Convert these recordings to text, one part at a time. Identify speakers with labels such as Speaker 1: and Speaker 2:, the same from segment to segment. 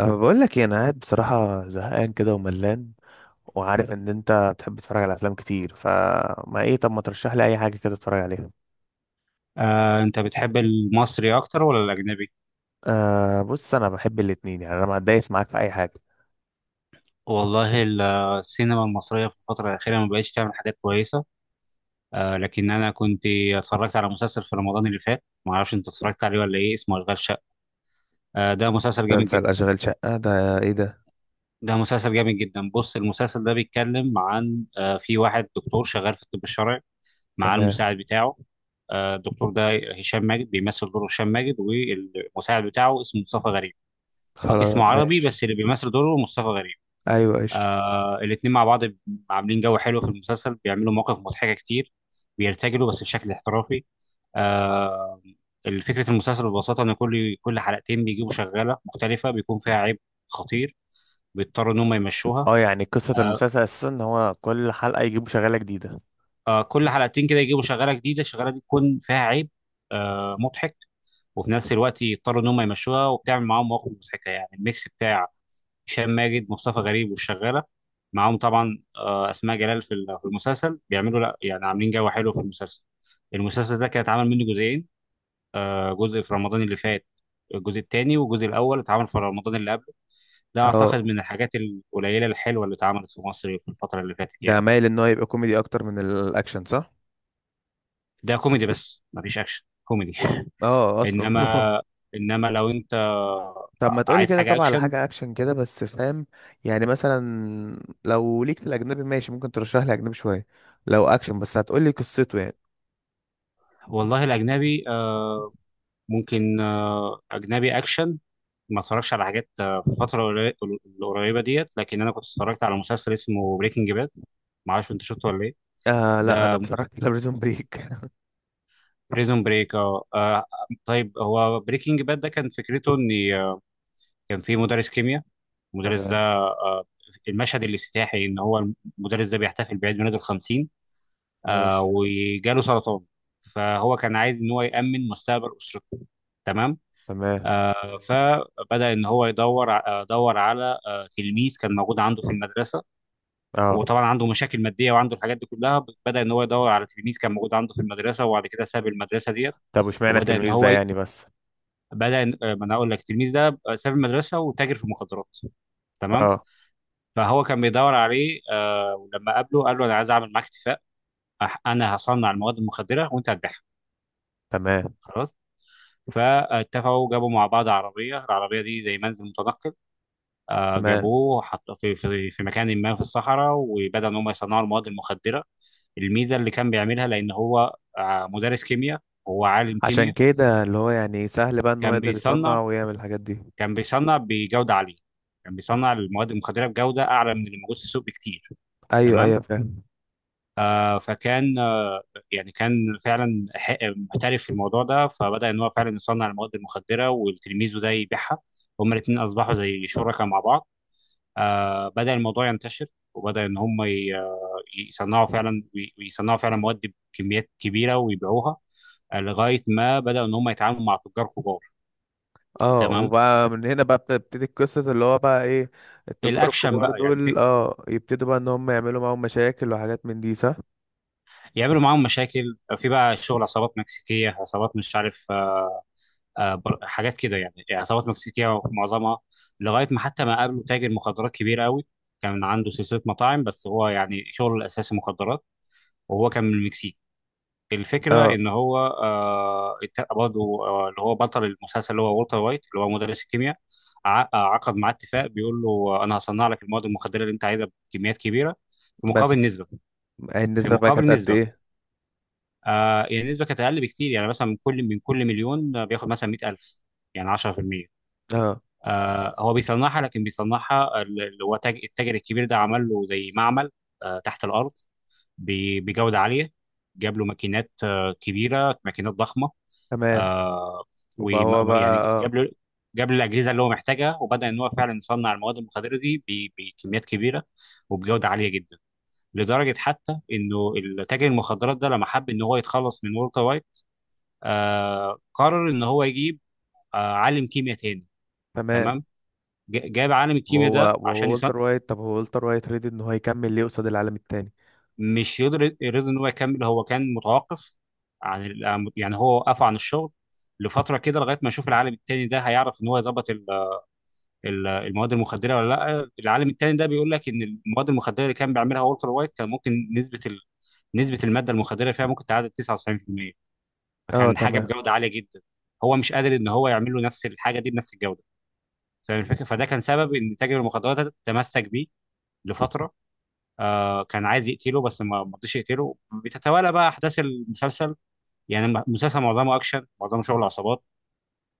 Speaker 1: أه بقول لك إيه، انا قاعد بصراحه زهقان كده وملان، وعارف ان انت بتحب تتفرج على افلام كتير، فما ايه؟ طب ما ترشح لي اي حاجه كده اتفرج عليها.
Speaker 2: انت بتحب المصري اكتر ولا الاجنبي؟
Speaker 1: أه بص، انا بحب الاتنين، يعني انا ما اتضايقش معاك في اي حاجه.
Speaker 2: والله ال- السينما المصريه في الفتره الاخيره ما بقتش تعمل حاجات كويسه. لكن انا كنت اتفرجت على مسلسل في رمضان اللي فات، ما اعرفش انت اتفرجت عليه ولا ايه، اسمه اشغال شقه. ده مسلسل جامد
Speaker 1: مسلسل
Speaker 2: جدا.
Speaker 1: أشغال شقة ده إيه ده؟
Speaker 2: بص، المسلسل ده بيتكلم عن، في واحد دكتور شغال في الطب الشرعي مع
Speaker 1: تمام.
Speaker 2: المساعد بتاعه. الدكتور ده هشام ماجد، بيمثل دوره هشام ماجد، والمساعد بتاعه اسمه مصطفى غريب، أو
Speaker 1: خلاص
Speaker 2: اسمه عربي
Speaker 1: ماشي.
Speaker 2: بس اللي بيمثل دوره مصطفى غريب.
Speaker 1: أيوة قشطة.
Speaker 2: الاتنين مع بعض عاملين جو حلو في المسلسل، بيعملوا مواقف مضحكة كتير، بيرتجلوا بس بشكل احترافي. آه فكرة المسلسل ببساطة إن كل حلقتين بيجيبوا شغالة مختلفة بيكون فيها عيب خطير، بيضطروا إن هم يمشوها.
Speaker 1: اه يعني قصه
Speaker 2: آه
Speaker 1: المسلسل اساسا ان هو كل حلقه يجيبوا شغاله جديده.
Speaker 2: كل حلقتين كده يجيبوا شغالة جديدة، الشغالة دي تكون فيها عيب، مضحك. وفي نفس الوقت يضطروا إن هم يمشوها، وبتعمل معاهم مواقف مضحكة، يعني الميكس بتاع هشام ماجد، مصطفى غريب، والشغاله، معاهم طبعا اسماء جلال. في المسلسل بيعملوا، لا يعني عاملين جو حلو في المسلسل. المسلسل ده كان اتعمل منه جزئين، جزء في رمضان اللي فات، الجزء الثاني، والجزء الاول اتعمل في رمضان اللي قبله. ده اعتقد
Speaker 1: أه
Speaker 2: من الحاجات القليله الحلوه اللي اتعملت في مصر في الفتره اللي فاتت
Speaker 1: ده
Speaker 2: يعني.
Speaker 1: مايل إن هو يبقى كوميدي أكتر من الأكشن، صح؟
Speaker 2: ده كوميدي، بس مفيش اكشن كوميدي.
Speaker 1: أه أصلا.
Speaker 2: انما، انما لو انت
Speaker 1: طب ما تقولي
Speaker 2: عايز
Speaker 1: كده
Speaker 2: حاجه
Speaker 1: طبعا على
Speaker 2: اكشن،
Speaker 1: حاجة أكشن كده، بس فاهم. يعني مثلا، لو ليك في الأجنبي ماشي ممكن ترشح لي أجنبي شوية، لو أكشن، بس هتقولي قصته يعني.
Speaker 2: والله الاجنبي، ممكن اجنبي اكشن. ما اتفرجش على حاجات في الفترة القريبة ديت، لكن أنا كنت اتفرجت على مسلسل اسمه بريكنج باد، معرفش أنت شفته ولا إيه.
Speaker 1: آه لا، أنا
Speaker 2: ده
Speaker 1: اتفرجت على بريزون بريك.
Speaker 2: بريزون بريك. طيب هو بريكنج باد ده كان فكرته إن، كان في مدرس كيمياء. المدرس ده،
Speaker 1: تمام
Speaker 2: المشهد الافتتاحي إن هو المدرس ده بيحتفل بعيد ميلاده الخمسين
Speaker 1: ماشي.
Speaker 2: وجاله سرطان. فهو كان عايز إن هو يأمن مستقبل أسرته. تمام.
Speaker 1: تمام.
Speaker 2: فبدأ إن هو يدور دور على تلميذ كان موجود عنده في المدرسة. هو
Speaker 1: اه،
Speaker 2: طبعا عنده مشاكل ماديه وعنده الحاجات دي كلها، بدا ان هو يدور على تلميذ كان موجود عنده في المدرسه، وبعد كده ساب المدرسه ديت.
Speaker 1: طب واشمعنى
Speaker 2: وبدا ان
Speaker 1: التلميذ ده
Speaker 2: هو ي-
Speaker 1: يعني بس.
Speaker 2: بدا إن- آه، ما انا اقول لك، التلميذ ده ساب المدرسه وتاجر في المخدرات. تمام.
Speaker 1: اه،
Speaker 2: فهو كان بيدور عليه، ولما قابله قال له انا عايز اعمل معاك اتفاق. انا هصنع المواد المخدره وانت هتبيعها.
Speaker 1: تمام
Speaker 2: خلاص. فاتفقوا، جابوا مع بعض عربيه، العربيه دي زي منزل متنقل.
Speaker 1: تمام.
Speaker 2: جابوه، حط في مكان ما في الصحراء، وبدأ ان هم يصنعوا المواد المخدره. الميزه اللي كان بيعملها، لان هو مدرس كيمياء، هو عالم
Speaker 1: عشان
Speaker 2: كيمياء.
Speaker 1: كده اللي هو يعني سهل بقى إن هو
Speaker 2: كان
Speaker 1: يقدر
Speaker 2: بيصنع
Speaker 1: يصنع ويعمل الحاجات دي.
Speaker 2: كان بيصنع بجوده عاليه، كان بيصنع المواد المخدره بجوده اعلى من اللي موجود في السوق بكتير.
Speaker 1: أيوه
Speaker 2: تمام.
Speaker 1: أيوه، فاهم.
Speaker 2: فكان، يعني كان فعلا محترف في الموضوع ده، فبدأ ان هو فعلا يصنع المواد المخدره والتلميذ ده يبيعها، هما الاثنين اصبحوا زي شركاء مع بعض. بدأ الموضوع ينتشر، وبدأ إن هم ي- آه، يصنعوا فعلا، ويصنعوا فعلا مواد بكميات كبيرة ويبيعوها، لغاية ما بدأوا إن هم يتعاملوا مع تجار كبار.
Speaker 1: اه
Speaker 2: تمام.
Speaker 1: وبقى من هنا بقى بتبتدي القصة، اللي هو بقى ايه؟ التجار
Speaker 2: الأكشن
Speaker 1: الكبار
Speaker 2: بقى، يعني في
Speaker 1: دول يبتدوا بقى ان هم يعملوا معاهم مشاكل وحاجات من دي، صح؟
Speaker 2: يعملوا معاهم مشاكل، في بقى شغل عصابات مكسيكية، عصابات مش عارف، حاجات كده يعني، يعني عصابات مكسيكية معظمها. لغاية ما حتى ما قابلوا تاجر مخدرات كبير قوي، كان عنده سلسلة مطاعم بس هو يعني شغله الأساسي مخدرات، وهو كان من المكسيك. الفكرة
Speaker 1: اه
Speaker 2: إن هو، آه الت- برضه آه اللي هو بطل المسلسل اللي هو والتر وايت، اللي هو مدرس الكيمياء، عقد معاه اتفاق، بيقول له أنا هصنع لك المواد المخدرة اللي أنت عايزها بكميات كبيرة، في مقابل
Speaker 1: بس،
Speaker 2: نسبة. في
Speaker 1: النسبة بقى
Speaker 2: مقابل
Speaker 1: كانت قد
Speaker 2: نسبة
Speaker 1: ايه؟
Speaker 2: يعني النسبة كانت أقل بكتير، يعني مثلا من كل مليون بياخد مثلا 100,000، يعني 10%.
Speaker 1: اه
Speaker 2: هو بيصنعها، لكن بيصنعها التاجر الكبير ده عمل له زي معمل تحت الأرض، بجودة عالية، جاب له ماكينات كبيرة، ماكينات ضخمة.
Speaker 1: تمام.
Speaker 2: آه
Speaker 1: وبقى هو
Speaker 2: ويعني
Speaker 1: بقى
Speaker 2: جاب له جاب له الاجهزه اللي هو محتاجها، وبدا ان هو فعلا يصنع المواد المخدره دي بكميات كبيره وبجوده عاليه جدا. لدرجه حتى انه تاجر المخدرات ده لما حب ان هو يتخلص من والتر وايت، قرر ان هو يجيب عالم كيمياء تاني.
Speaker 1: تمام.
Speaker 2: تمام. جاب عالم الكيمياء
Speaker 1: وهو
Speaker 2: ده
Speaker 1: وهو
Speaker 2: عشان يصنع.
Speaker 1: والتر وايت، طب هو والتر وايت ريدي ان هو يكمل ليه قصاد العالم التاني؟
Speaker 2: مش يقدر يرضى ان هو يكمل، هو كان متوقف عن يعني هو وقف عن الشغل لفتره كده، لغايه ما يشوف العالم التاني ده هيعرف ان هو يظبط المواد المخدره ولا لا. العالم التاني ده بيقول لك ان المواد المخدره اللي كان بيعملها والتر وايت كان ممكن نسبه ال، نسبه الماده المخدره فيها ممكن تعادل 99%،
Speaker 1: اه
Speaker 2: فكان حاجه
Speaker 1: تمام
Speaker 2: بجوده عاليه جدا، هو مش قادر ان هو يعمل له نفس الحاجه دي بنفس الجوده. فاهم الفكره؟ فده كان سبب ان تاجر المخدرات ده تمسك بيه لفتره، كان عايز يقتله بس ما رضيش يقتله. بتتوالى بقى احداث المسلسل، يعني المسلسل معظمه اكشن، معظمه شغل عصابات.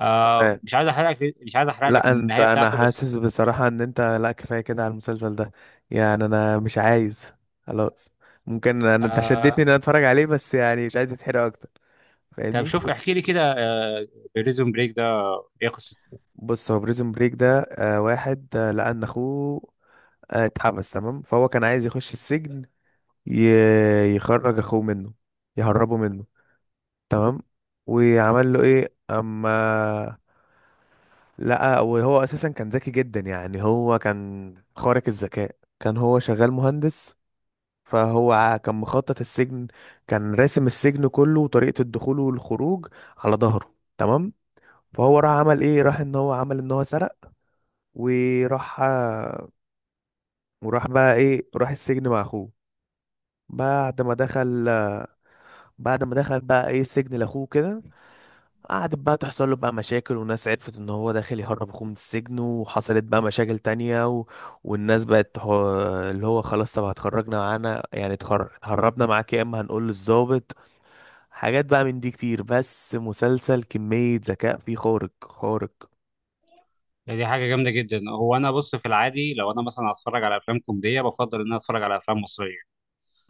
Speaker 1: تمام.
Speaker 2: مش عايز احرق لك
Speaker 1: لا انت،
Speaker 2: النهايه
Speaker 1: انا
Speaker 2: بتاعته بس.
Speaker 1: حاسس بصراحة ان انت، لا كفاية كده على المسلسل ده. يعني انا مش عايز. خلاص. ممكن انت شدتني
Speaker 2: آه،
Speaker 1: ان انا اتفرج عليه، بس يعني مش عايز اتحرق اكتر.
Speaker 2: طب
Speaker 1: فاهمني؟
Speaker 2: شوف احكي لي كده، بريزون بريك ده ايه قصته؟
Speaker 1: بص، هو بريزون بريك ده آه واحد، لأن أخوه اتحبس. تمام. فهو كان عايز يخش السجن، يخرج أخوه منه، يهربه منه. تمام. وعمل له إيه؟ أما لقى، وهو أساسا كان ذكي جدا يعني، هو كان خارق الذكاء، كان هو شغال مهندس. فهو كان مخطط السجن، كان راسم السجن كله وطريقة الدخول والخروج على ظهره. تمام. فهو راح عمل ايه؟ راح ان هو عمل ان هو سرق، وراح وراح بقى ايه؟ راح السجن مع اخوه. بعد ما دخل، بعد ما دخل بقى ايه؟ سجن لاخوه كده. قعدت بقى تحصل له بقى مشاكل، وناس عرفت ان هو داخل يهرب اخوه من السجن، وحصلت بقى مشاكل تانية و... والناس بقت تح... اللي هو خلاص طب هتخرجنا معانا، يعني هربنا معاك، يا اما هنقول للضابط. حاجات بقى من دي كتير، بس مسلسل كمية ذكاء فيه خارق خارق.
Speaker 2: ده دي حاجه جامده جدا. هو انا بص، في العادي لو انا مثلا هتفرج على افلام كوميديه، بفضل ان انا اتفرج على افلام مصريه.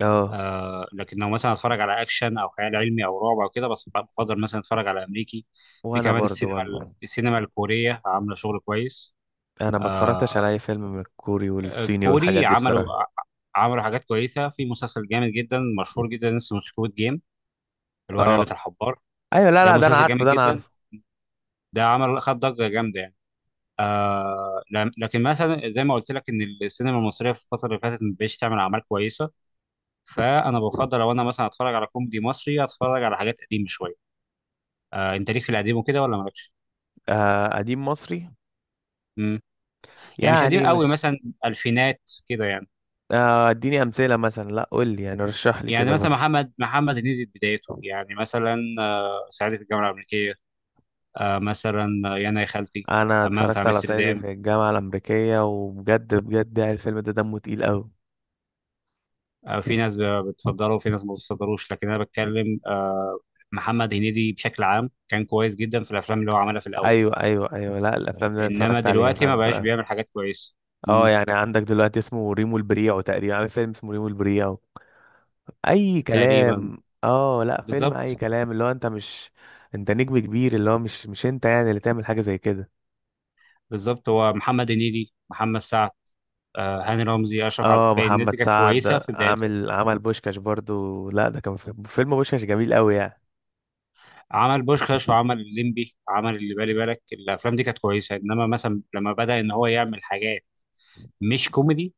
Speaker 1: اه
Speaker 2: آه لكن لو مثلا هتفرج على اكشن او خيال علمي او رعب او كده، بس بفضل مثلا اتفرج على امريكي. في
Speaker 1: وانا
Speaker 2: كمان
Speaker 1: برضو، وانا
Speaker 2: السينما الكوريه عامله شغل كويس.
Speaker 1: انا ما
Speaker 2: آه
Speaker 1: اتفرجتش على اي فيلم من الكوري والصيني والحاجات
Speaker 2: كوري
Speaker 1: دي
Speaker 2: عملوا،
Speaker 1: بصراحة.
Speaker 2: عملوا حاجات كويسه، في مسلسل جامد جدا مشهور جدا اسمه سكويد جيم، اللي هو
Speaker 1: اه
Speaker 2: لعبه الحبار.
Speaker 1: ايوه، لا
Speaker 2: ده
Speaker 1: لا، ده انا
Speaker 2: مسلسل جامد
Speaker 1: عارفه، ده انا
Speaker 2: جدا،
Speaker 1: عارفه.
Speaker 2: ده عمل، خد ضجه جامده يعني. لكن مثلا زي ما قلت لك ان السينما المصريه في الفتره اللي فاتت ما بقتش تعمل اعمال كويسه، فانا بفضل لو انا مثلا اتفرج على كوميدي مصري، اتفرج على حاجات قديمه شويه. آه انت ليك في القديم وكده ولا مالكش؟
Speaker 1: آه قديم مصري.
Speaker 2: مم. يعني مش قديم
Speaker 1: يعني
Speaker 2: قوي،
Speaker 1: مش،
Speaker 2: مثلا الفينات كده يعني.
Speaker 1: آه اديني امثله مثلا، لا قول لي يعني، رشح لي
Speaker 2: يعني
Speaker 1: كده
Speaker 2: مثلا
Speaker 1: برضه.
Speaker 2: محمد هنيدي في بدايته، يعني مثلا آه صعيدي في الجامعه الامريكيه، آه مثلا، يانا يا خالتي،
Speaker 1: انا
Speaker 2: همام في
Speaker 1: اتفرجت على صعيدي
Speaker 2: امستردام.
Speaker 1: في الجامعه الامريكيه، وبجد بجد يعني الفيلم ده دمه تقيل قوي.
Speaker 2: في ناس بتفضله وفي ناس ما بتفضلوش، لكن انا بتكلم، محمد هنيدي بشكل عام كان كويس جدا في الافلام اللي هو عملها في الاول،
Speaker 1: ايوه ايوه ايوه، لا الافلام اللي أنا
Speaker 2: انما
Speaker 1: اتفرجت عليها
Speaker 2: دلوقتي ما
Speaker 1: فعلا في
Speaker 2: بقاش
Speaker 1: الأول.
Speaker 2: بيعمل حاجات كويسه.
Speaker 1: اه
Speaker 2: مم.
Speaker 1: يعني عندك دلوقتي اسمه ريمو البريعو، تقريبا عامل فيلم اسمه ريمو البريعو اي
Speaker 2: تقريبا.
Speaker 1: كلام. اه لا، فيلم اي
Speaker 2: بالظبط.
Speaker 1: كلام اللي هو انت مش، انت نجم كبير، اللي هو مش انت يعني اللي تعمل حاجه زي كده.
Speaker 2: بالظبط، هو محمد هنيدي، محمد سعد، هاني رمزي، اشرف عبد
Speaker 1: اه
Speaker 2: الباقي، الناس
Speaker 1: محمد
Speaker 2: دي كانت
Speaker 1: سعد
Speaker 2: كويسه في بدايتها.
Speaker 1: عامل، عمل بوشكاش برضو، لا ده كان في فيلم، بوشكاش جميل قوي يعني.
Speaker 2: عمل بوشخاش وعمل الليمبي، عمل اللي بالي بالك، الافلام دي كانت كويسه، انما مثلا لما بدا ان هو يعمل حاجات مش كوميدي،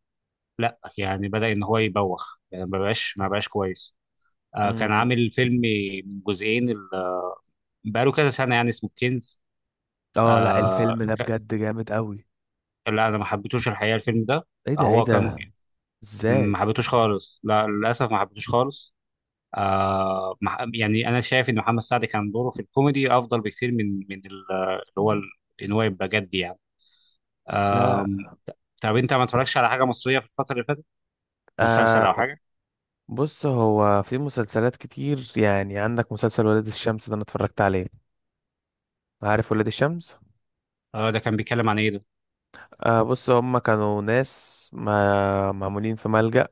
Speaker 2: لا يعني بدا ان هو يبوخ، يعني ما بقاش كويس. كان
Speaker 1: امم.
Speaker 2: عامل فيلم من جزئين، بقاله كذا سنه يعني، اسمه كنز.
Speaker 1: اه لا
Speaker 2: آه
Speaker 1: الفيلم ده
Speaker 2: ك-
Speaker 1: بجد جامد قوي.
Speaker 2: لا انا ما حبيتوش الحقيقه الفيلم ده.
Speaker 1: ايه ده؟ ايه
Speaker 2: هو كان،
Speaker 1: ده؟
Speaker 2: ما
Speaker 1: ازاي؟
Speaker 2: حبيتوش خالص، لا للاسف ما حبيتوش خالص. آه ما ح- يعني انا شايف ان محمد سعد كان دوره في الكوميدي افضل بكتير من ان هو يبقى جد يعني. آه
Speaker 1: لا.
Speaker 2: طب انت ما اتفرجتش على حاجه مصريه في الفتره اللي فاتت؟ مسلسل او
Speaker 1: آه
Speaker 2: حاجه.
Speaker 1: بص، هو في مسلسلات كتير، يعني عندك مسلسل ولاد الشمس ده انا اتفرجت عليه. عارف ولاد الشمس؟
Speaker 2: آه ده كان بيتكلم عن ايه ده؟
Speaker 1: آه بص، هم كانوا ناس ما معمولين في ملجأ،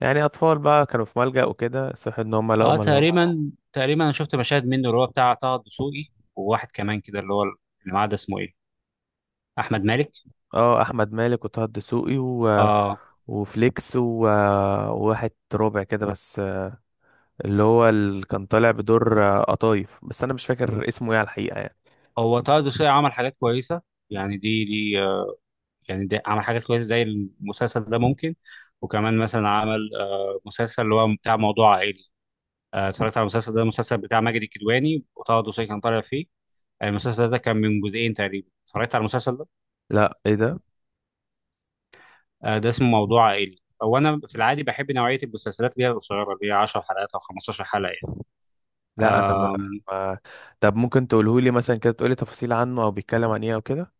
Speaker 1: يعني اطفال بقى كانوا في ملجأ وكده، صح ان هم لقوا.
Speaker 2: اه تقريبا انا شفت مشاهد منه، اللي هو بتاع طه الدسوقي وواحد كمان كده اللي هو اللي معاه ده اسمه ايه، احمد مالك.
Speaker 1: اه احمد مالك وطه الدسوقي و...
Speaker 2: اه
Speaker 1: وفليكس و... وواحد ربع كده بس، اللي هو اللي كان طالع بدور قطايف، بس انا مش فاكر اسمه ايه على الحقيقه يعني.
Speaker 2: هو طه الدسوقي عمل حاجات كويسه، يعني دي يعني دي عمل حاجات كويسه زي المسلسل ده ممكن. وكمان مثلا عمل، مسلسل اللي هو بتاع موضوع عائلي. اتفرجت على المسلسل ده، المسلسل بتاع ماجد الكدواني وطه الدسوقي كان طالع فيه. المسلسل ده كان من جزئين تقريبا، اتفرجت على المسلسل ده.
Speaker 1: لا ايه ده؟
Speaker 2: ده اسمه موضوع عائلي. هو انا في العادي بحب نوعيه المسلسلات اللي هي القصيره، اللي هي 10 حلقات او 15 حلقه
Speaker 1: لا انا ما...
Speaker 2: يعني.
Speaker 1: ما... طب ممكن تقوله لي مثلا كده، تقولي تفاصيل عنه او بيتكلم عن ايه او كده.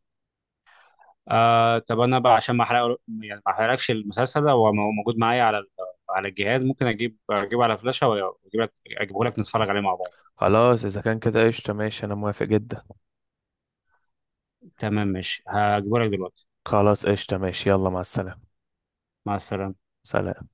Speaker 2: طب انا بقى عشان ما احرق يعني ما احرقلكش المسلسل ده، هو موجود معايا على على الجهاز، ممكن اجيب اجيبه على فلاشة، واجيب لك اجيبه لك نتفرج عليه مع بعض.
Speaker 1: خلاص اذا كان كده قشطه ماشي، انا موافق جدا.
Speaker 2: تمام ماشي، هجيبه لك دلوقتي.
Speaker 1: خلاص قشطه ماشي، يلا مع السلامه.
Speaker 2: مع السلامة.
Speaker 1: سلام.